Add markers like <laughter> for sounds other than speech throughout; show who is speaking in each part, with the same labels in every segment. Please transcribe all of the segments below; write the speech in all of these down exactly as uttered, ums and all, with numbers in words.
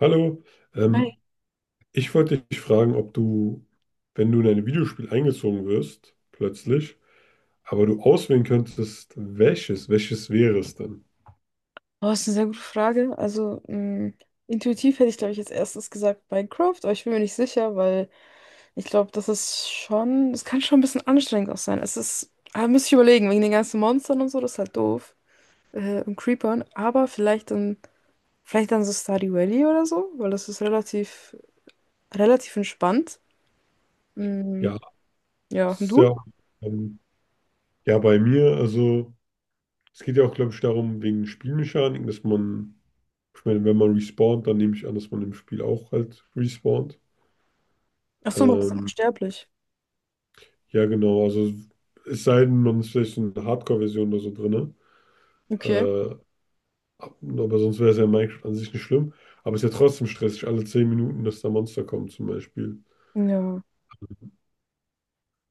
Speaker 1: Hallo,
Speaker 2: Hi.
Speaker 1: ähm, ich wollte dich fragen, ob du, wenn du in ein Videospiel eingezogen wirst, plötzlich, aber du auswählen könntest, welches, welches wäre es denn?
Speaker 2: Oh, das ist eine sehr gute Frage. Also, mh, intuitiv hätte ich, glaube ich, als erstes gesagt Minecraft, aber ich bin mir nicht sicher, weil ich glaube, das ist schon, es kann schon ein bisschen anstrengend auch sein. Es ist, ah, müsste ich überlegen, wegen den ganzen Monstern und so, das ist halt doof. Äh, und Creepern, aber vielleicht dann, vielleicht dann so Stardew Valley oder so, weil das ist relativ, relativ entspannt. Mm,
Speaker 1: Ja, das
Speaker 2: ja, und
Speaker 1: ist ja,
Speaker 2: du?
Speaker 1: ähm, ja bei mir, also. Es geht ja auch, glaube ich, darum, wegen Spielmechaniken, dass man, ich meine, wenn man respawnt, dann nehme ich an, dass man im Spiel auch halt respawnt.
Speaker 2: Ach so, man ist
Speaker 1: Ähm,
Speaker 2: unsterblich.
Speaker 1: ja, genau, also es sei denn, man ist vielleicht so eine Hardcore-Version oder so drin.
Speaker 2: Okay.
Speaker 1: Äh, ab- aber sonst wäre es ja in Minecraft an sich nicht schlimm. Aber es ist ja trotzdem stressig, alle zehn Minuten, dass da Monster kommen zum Beispiel.
Speaker 2: Ja,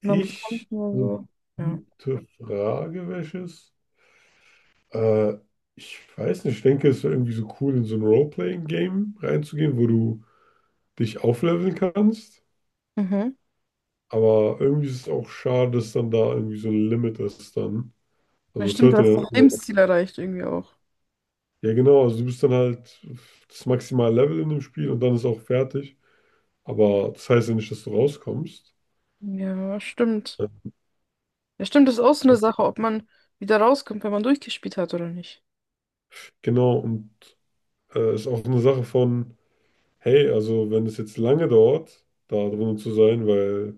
Speaker 2: man muss
Speaker 1: Ich,
Speaker 2: kämpfen und
Speaker 1: eine
Speaker 2: so. Ja.
Speaker 1: gute Frage, welches? Äh, Ich weiß nicht, ich denke, es wäre irgendwie so cool, in so ein Role-Playing-Game reinzugehen, wo du dich aufleveln kannst.
Speaker 2: Mhm.
Speaker 1: Aber irgendwie ist es auch schade, dass dann da irgendwie so ein Limit ist dann.
Speaker 2: Ja,
Speaker 1: Also es
Speaker 2: stimmt, du
Speaker 1: hört ja dann
Speaker 2: hast auch
Speaker 1: irgendwann. auf.
Speaker 2: Lebensziel erreicht irgendwie auch.
Speaker 1: Ja, genau, also du bist dann halt das maximale Level in dem Spiel und dann ist auch fertig. Aber das heißt ja nicht, dass du rauskommst.
Speaker 2: Ja, stimmt.
Speaker 1: Ja,
Speaker 2: Ja, stimmt, das ist auch so eine Sache, ob man wieder rauskommt, wenn man durchgespielt hat oder nicht.
Speaker 1: Genau, und äh, ist auch eine Sache von, hey, also wenn es jetzt lange dauert, da drinnen zu sein, weil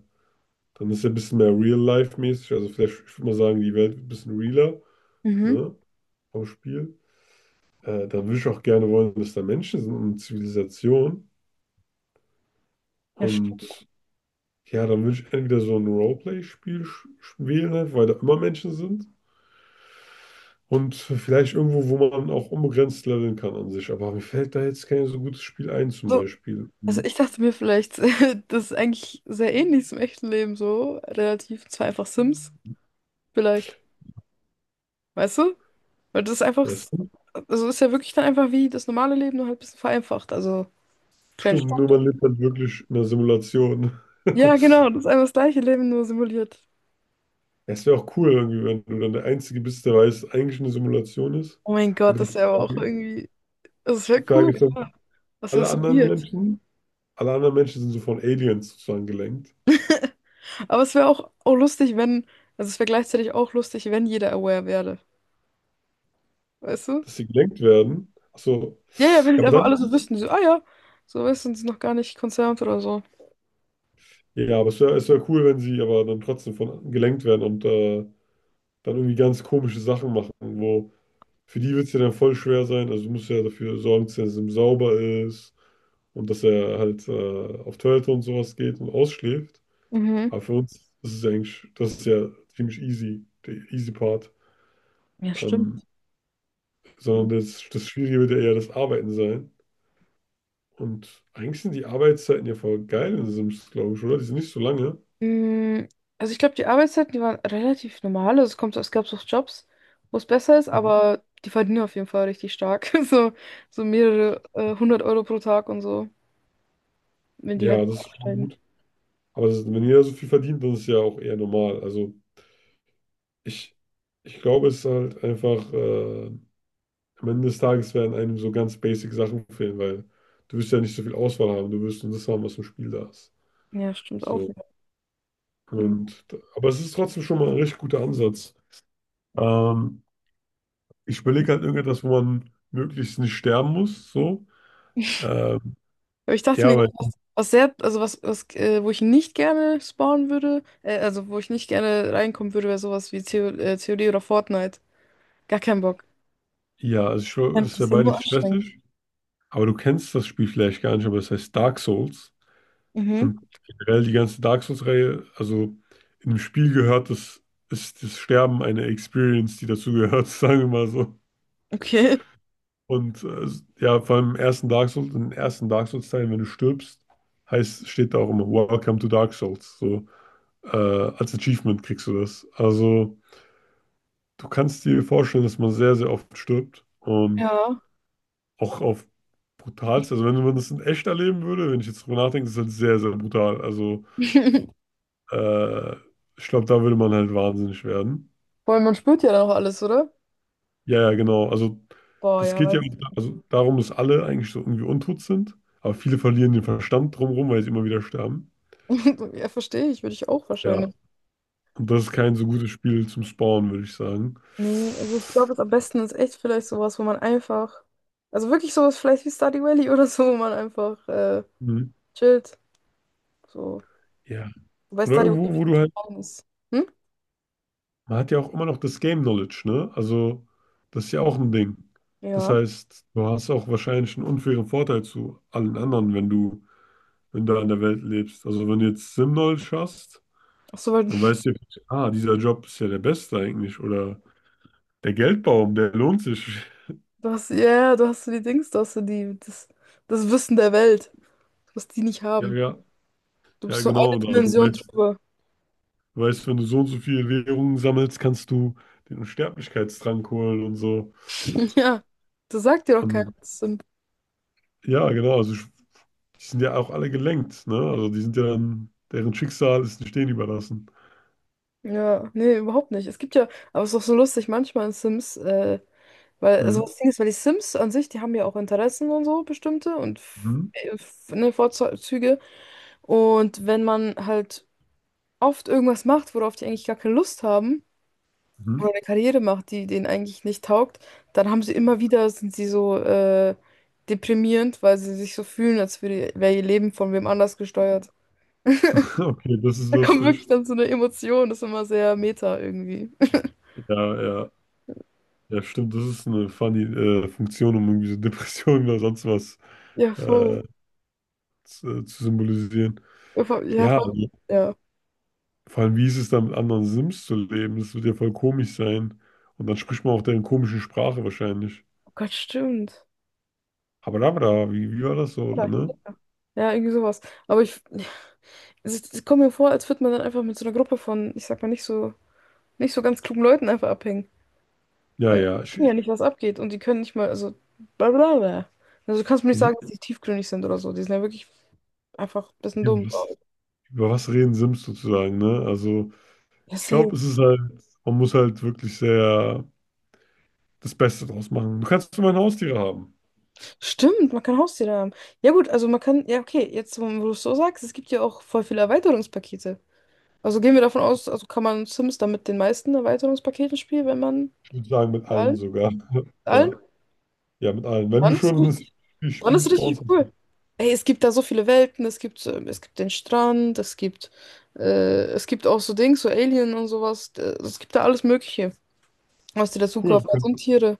Speaker 1: dann ist ja ein bisschen mehr Real-Life-mäßig. Also vielleicht, ich würde mal sagen, die Welt wird ein bisschen realer,
Speaker 2: Mhm.
Speaker 1: ne? Vom Spiel. Äh, da würde ich auch gerne wollen, dass da Menschen sind und Zivilisation.
Speaker 2: Ja, stimmt.
Speaker 1: Und ja, dann würde ich entweder so ein Roleplay-Spiel sch- wählen, weil da immer Menschen sind. Und vielleicht irgendwo, wo man auch unbegrenzt leveln kann an sich. Aber mir fällt da jetzt kein so gutes Spiel ein, zum
Speaker 2: So,
Speaker 1: Beispiel.
Speaker 2: also
Speaker 1: Mhm.
Speaker 2: ich dachte mir vielleicht, <laughs> das ist eigentlich sehr ähnlich zum echten Leben so, relativ, zwar einfach Sims, vielleicht. Weißt du? Weil das ist einfach,
Speaker 1: Ja, stimmt.
Speaker 2: also ist ja wirklich dann einfach wie das normale Leben, nur halt ein bisschen vereinfacht. Also, kleine
Speaker 1: Stimmt, nur
Speaker 2: Stadt.
Speaker 1: man lebt dann wirklich in einer Simulation.
Speaker 2: Ja,
Speaker 1: <laughs>
Speaker 2: genau, das ist einfach das gleiche Leben, nur simuliert.
Speaker 1: Es wäre auch cool, irgendwie, wenn du dann der Einzige bist, der weiß, dass eigentlich eine Simulation ist.
Speaker 2: Oh mein
Speaker 1: Aber
Speaker 2: Gott, das
Speaker 1: die
Speaker 2: wäre aber auch
Speaker 1: Frage,
Speaker 2: irgendwie, das
Speaker 1: die
Speaker 2: wäre cool.
Speaker 1: Frage ist, dann
Speaker 2: Ja. Das wäre
Speaker 1: alle
Speaker 2: so
Speaker 1: anderen
Speaker 2: weird.
Speaker 1: Menschen alle anderen Menschen sind so von Aliens sozusagen gelenkt,
Speaker 2: Aber es wäre auch, auch lustig, wenn, also es wäre gleichzeitig auch lustig, wenn jeder aware werde. Weißt du?
Speaker 1: dass sie gelenkt werden. Ach so.
Speaker 2: Ja, ja, wenn es
Speaker 1: Ja, aber
Speaker 2: einfach
Speaker 1: dann,
Speaker 2: alle so wüssten, so, ah ja, so weißt du, sind sie noch gar nicht concerned oder so.
Speaker 1: ja, aber es wäre es wär cool, wenn sie aber dann trotzdem von gelenkt werden und äh, dann irgendwie ganz komische Sachen machen, wo für die wird es ja dann voll schwer sein. Also du musst ja dafür sorgen, dass er sauber ist und dass er halt äh, auf Toilette und sowas geht und ausschläft.
Speaker 2: Mhm.
Speaker 1: Aber für uns ist es ja eigentlich, das ist ja ziemlich easy, der easy Part.
Speaker 2: Ja,
Speaker 1: Ähm,
Speaker 2: stimmt.
Speaker 1: Sondern das, das, Schwierige wird ja eher das Arbeiten sein. Und eigentlich sind die Arbeitszeiten ja voll geil in Sims, glaube ich, oder? Die sind nicht so lange.
Speaker 2: Mm, also ich glaube, die Arbeitszeiten, die waren relativ normal. Also es kommt, so, es gab so Jobs, wo es besser ist,
Speaker 1: Mhm.
Speaker 2: aber die verdienen auf jeden Fall richtig stark. <laughs> So, so mehrere äh, hundert Euro pro Tag und so, wenn die halt
Speaker 1: Ja, das ist schon
Speaker 2: aufsteigen.
Speaker 1: gut. Aber das, wenn jeder so viel verdient, dann ist es ja auch eher normal. Also ich, ich glaube, es ist halt einfach, äh, am Ende des Tages werden einem so ganz basic Sachen fehlen, weil du wirst ja nicht so viel Auswahl haben, du wirst nur das haben, was im Spiel da ist.
Speaker 2: Ja, stimmt auch
Speaker 1: So.
Speaker 2: wieder.
Speaker 1: Und, aber es ist trotzdem schon mal ein richtig guter Ansatz. Ähm, Ich überlege halt irgendetwas, wo man möglichst nicht sterben muss. So. Ähm,
Speaker 2: Aber ich dachte
Speaker 1: ja,
Speaker 2: mir,
Speaker 1: weil
Speaker 2: was, was sehr, also was, was äh, wo ich nicht gerne spawnen würde, äh, also wo ich nicht gerne reinkommen würde, wäre sowas wie Theo, äh, C O D oder Fortnite. Gar keinen Bock.
Speaker 1: Ja, also schon,
Speaker 2: Ja,
Speaker 1: das
Speaker 2: das
Speaker 1: ist ja
Speaker 2: ist ja nur
Speaker 1: beides
Speaker 2: anstrengend.
Speaker 1: stressig, aber du kennst das Spiel vielleicht gar nicht, aber es heißt Dark Souls.
Speaker 2: Mhm,
Speaker 1: Und generell die ganze Dark Souls-Reihe, also in dem Spiel gehört das, ist das Sterben eine Experience, die dazu gehört, <laughs> sagen wir mal so.
Speaker 2: okay.
Speaker 1: Und äh, ja, vor allem im ersten Dark Souls, im ersten Dark Souls-Teil, wenn du stirbst, heißt, steht da auch immer Welcome to Dark Souls. So, äh, als Achievement kriegst du das. Also, du kannst dir vorstellen, dass man sehr, sehr oft stirbt. Und
Speaker 2: Ja.
Speaker 1: auch auf brutalste, also wenn man das in echt erleben würde, wenn ich jetzt drüber nachdenke, ist das halt sehr, sehr brutal. Also
Speaker 2: <laughs>
Speaker 1: äh, ich glaube, da würde man halt wahnsinnig werden.
Speaker 2: Vor allem, man spürt ja dann auch alles, oder?
Speaker 1: Ja, ja, genau. Also
Speaker 2: Boah,
Speaker 1: das
Speaker 2: ja,
Speaker 1: geht ja auch
Speaker 2: weiß.
Speaker 1: also darum, dass alle eigentlich so irgendwie untot sind, aber viele verlieren den Verstand drumherum, weil sie immer wieder sterben.
Speaker 2: <laughs> Ja, verstehe ich, würde ich auch
Speaker 1: Ja,
Speaker 2: wahrscheinlich.
Speaker 1: und das ist kein so gutes Spiel zum Spawnen, würde ich sagen.
Speaker 2: Nee, also ich glaube, am besten ist echt vielleicht sowas, wo man einfach, also wirklich sowas vielleicht wie Stardew Valley <laughs> oder so, wo man einfach äh,
Speaker 1: Mhm.
Speaker 2: chillt. So.
Speaker 1: Ja.
Speaker 2: Wobei
Speaker 1: Oder
Speaker 2: Stardew Valley ein
Speaker 1: irgendwo, wo
Speaker 2: bisschen
Speaker 1: du
Speaker 2: zu
Speaker 1: halt
Speaker 2: klein ist. Hm?
Speaker 1: Man hat ja auch immer noch das Game Knowledge, ne? Also, das ist ja auch ein Ding. Das
Speaker 2: Ja.
Speaker 1: heißt, du hast auch wahrscheinlich einen unfairen Vorteil zu allen anderen, wenn du, wenn du, an der Welt lebst. Also, wenn du jetzt Sim-Knowledge hast,
Speaker 2: Ach so, weil
Speaker 1: dann weißt du, ah, dieser Job ist ja der beste eigentlich. Oder der Geldbaum, der lohnt sich. <laughs>
Speaker 2: du hast, ja, ja, du hast so die Dings, du hast so die, das, das Wissen der Welt, was die nicht
Speaker 1: Ja,
Speaker 2: haben.
Speaker 1: ja,
Speaker 2: Du
Speaker 1: ja,
Speaker 2: bist so eine
Speaker 1: genau. Oder du
Speaker 2: Dimension
Speaker 1: weißt,
Speaker 2: drüber. <laughs>
Speaker 1: du weißt, wenn du so und so viele Währungen sammelst, kannst du den Unsterblichkeitstrank holen und so.
Speaker 2: Ja, das sagt dir doch keiner.
Speaker 1: Und
Speaker 2: Das sind-
Speaker 1: ja, genau. Also, ich, die sind ja auch alle gelenkt, ne? Also die sind ja dann, deren Schicksal ist den Stehen überlassen.
Speaker 2: Ja, nee, überhaupt nicht. Es gibt ja, aber es ist doch so lustig manchmal in Sims, äh, weil, also
Speaker 1: Mhm.
Speaker 2: das Ding ist, weil die Sims an sich, die haben ja auch Interessen und so, bestimmte und f-
Speaker 1: Mhm.
Speaker 2: äh, f- ne, Vorzüge. Und wenn man halt oft irgendwas macht, worauf die eigentlich gar keine Lust haben, oder
Speaker 1: Mhm.
Speaker 2: eine Karriere macht, die denen eigentlich nicht taugt, dann haben sie immer wieder, sind sie so äh, deprimierend, weil sie sich so fühlen, als würde, wäre ihr Leben von wem anders gesteuert. <laughs>
Speaker 1: <laughs> Okay, das ist
Speaker 2: Da kommt wirklich
Speaker 1: lustig.
Speaker 2: dann so eine Emotion, das ist immer sehr meta irgendwie. <laughs>
Speaker 1: Ja, ja, ja, stimmt, das ist eine funny äh, Funktion, um irgendwie so <laughs> Depressionen oder sonst was
Speaker 2: Ja,
Speaker 1: äh,
Speaker 2: voll.
Speaker 1: zu, äh, zu symbolisieren.
Speaker 2: Ja, voll. Ja,
Speaker 1: Ja,
Speaker 2: voll.
Speaker 1: also,
Speaker 2: Ja.
Speaker 1: vor allem, wie ist es dann mit anderen Sims zu leben? Das wird ja voll komisch sein. Und dann spricht man auch deren komischen Sprache wahrscheinlich.
Speaker 2: Oh Gott, stimmt.
Speaker 1: Habadabada, wie, wie war das so, oder,
Speaker 2: Ja,
Speaker 1: ne?
Speaker 2: ja, irgendwie sowas. Aber ich, es, es kommt mir vor, als würde man dann einfach mit so einer Gruppe von, ich sag mal, nicht so, nicht so ganz klugen Leuten einfach abhängen.
Speaker 1: Ja,
Speaker 2: Weil
Speaker 1: ja,
Speaker 2: die
Speaker 1: ich,
Speaker 2: wissen ja
Speaker 1: ich,
Speaker 2: nicht, was abgeht und die können nicht mal, also blablabla. Also du kannst mir nicht sagen,
Speaker 1: die-
Speaker 2: dass die tiefgründig sind oder so. Die sind ja wirklich einfach ein bisschen
Speaker 1: ja,
Speaker 2: dumm,
Speaker 1: was,
Speaker 2: glaube ich.
Speaker 1: über was reden Sims sozusagen, ne? Also,
Speaker 2: Ja,
Speaker 1: ich
Speaker 2: safe.
Speaker 1: glaube, es ist halt, man muss halt wirklich sehr das Beste draus machen. Du kannst immer Haustiere haben.
Speaker 2: Stimmt, man kann Haustiere haben. Ja gut, also man kann, ja okay, jetzt wo wo du es so sagst, es gibt ja auch voll viele Erweiterungspakete. Also gehen wir davon aus, also kann man Sims dann mit den meisten Erweiterungspaketen spielen, wenn man
Speaker 1: Ich würde sagen, mit
Speaker 2: mit allen,
Speaker 1: allen sogar.
Speaker 2: mit allen,
Speaker 1: Ja, ja, mit allen. Wenn du
Speaker 2: dann ist
Speaker 1: schon ein
Speaker 2: richtig.
Speaker 1: Spiel
Speaker 2: Dann ist
Speaker 1: spielst bei uns,
Speaker 2: richtig cool. Ey, es gibt da so viele Welten, es gibt, ähm, es gibt den Strand, es gibt, äh, es gibt auch so Dings, so Alien und sowas. Äh, Es gibt da alles Mögliche, was die dazu
Speaker 1: cool.
Speaker 2: kaufen. Und Tiere.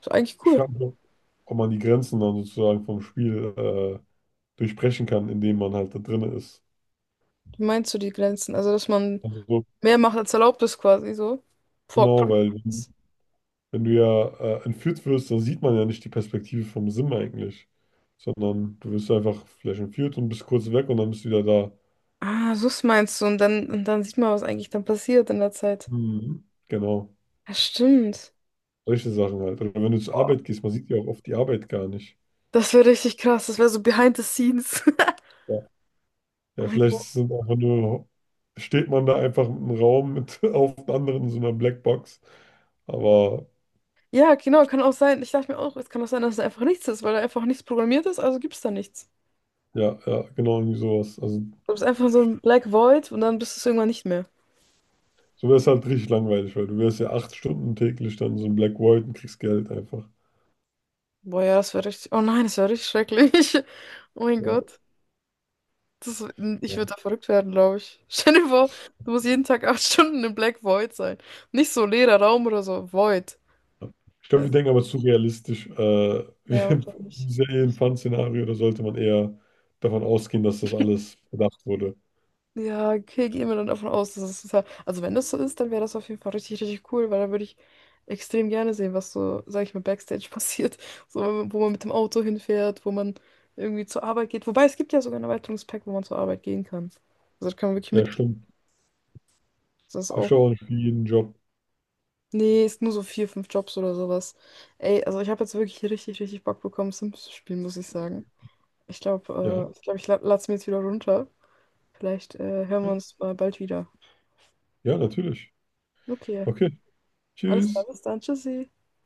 Speaker 2: Ist eigentlich
Speaker 1: Ich
Speaker 2: cool.
Speaker 1: frage mich, ob man die Grenzen dann sozusagen vom Spiel äh, durchbrechen kann, indem man halt da drin ist.
Speaker 2: Wie meinst du die Grenzen? Also, dass man
Speaker 1: Also, so,
Speaker 2: mehr macht, als erlaubt ist quasi so. Vor
Speaker 1: genau, weil wenn, wenn du ja äh, entführt wirst, dann sieht man ja nicht die Perspektive vom Sim eigentlich, sondern du wirst einfach vielleicht entführt und bist kurz weg und dann bist du wieder da.
Speaker 2: ah, so meinst du. Und dann, und dann sieht man, was eigentlich dann passiert in der Zeit.
Speaker 1: Mhm, genau.
Speaker 2: Ja, stimmt.
Speaker 1: Solche Sachen halt. Oder wenn du zur Arbeit gehst, man sieht ja auch oft die Arbeit gar nicht.
Speaker 2: Das wäre richtig krass. Das wäre so behind the scenes. <laughs>
Speaker 1: Ja,
Speaker 2: Oh
Speaker 1: ja
Speaker 2: mein
Speaker 1: vielleicht
Speaker 2: Gott.
Speaker 1: sind einfach nur, steht man da einfach im Raum mit <laughs> auf den anderen in so einer Blackbox. Aber
Speaker 2: Ja, genau, kann auch sein. Ich dachte mir auch, es kann auch sein, dass es einfach nichts ist, weil da einfach nichts programmiert ist, also gibt es da nichts.
Speaker 1: ja, ja, genau irgendwie sowas. Also
Speaker 2: Du bist einfach so ein Black Void und dann bist du es irgendwann nicht mehr.
Speaker 1: so wäre es halt richtig langweilig, weil du wärst ja acht Stunden täglich dann so ein Black Void und kriegst Geld einfach.
Speaker 2: Boah, ja, das wäre richtig. Oh nein, das wäre richtig schrecklich. <laughs> Oh mein
Speaker 1: Ja,
Speaker 2: Gott. Das, ich
Speaker 1: ja.
Speaker 2: würde da verrückt werden, glaube ich. <laughs> Stell dir vor, du musst jeden Tag acht Stunden im Black Void sein. Nicht so leerer Raum oder so. Void.
Speaker 1: Ich glaube,
Speaker 2: Ja,
Speaker 1: wir denken aber zu realistisch. Äh,
Speaker 2: ja,
Speaker 1: <laughs>
Speaker 2: wahrscheinlich.
Speaker 1: ist ja eh ein Fun-Szenario, da sollte man eher davon ausgehen, dass das alles bedacht wurde.
Speaker 2: Ja, okay, gehen wir dann davon aus, dass es total. Also, wenn das so ist, dann wäre das auf jeden Fall richtig, richtig cool, weil dann würde ich extrem gerne sehen, was so, sag ich mal, Backstage <laughs> passiert. So, wo man mit dem Auto hinfährt, wo man irgendwie zur Arbeit geht. Wobei es gibt ja sogar ein Erweiterungspack, wo man zur Arbeit gehen kann. Also, da kann man wirklich
Speaker 1: Ja,
Speaker 2: mitgehen.
Speaker 1: stimmt.
Speaker 2: Das ist
Speaker 1: Hast
Speaker 2: auch.
Speaker 1: du auch nicht jeden Job.
Speaker 2: Nee, ist nur so vier, fünf Jobs oder sowas. Ey, also, ich habe jetzt wirklich richtig, richtig Bock bekommen, Sims zu spielen, muss ich sagen. Ich
Speaker 1: Ja,
Speaker 2: glaube, äh, ich glaube, ich la lade es mir jetzt wieder runter. Vielleicht äh, hören wir
Speaker 1: okay.
Speaker 2: uns mal bald wieder.
Speaker 1: Ja, natürlich.
Speaker 2: Okay,
Speaker 1: Okay,
Speaker 2: alles klar,
Speaker 1: tschüss.
Speaker 2: bis dann. Tschüssi.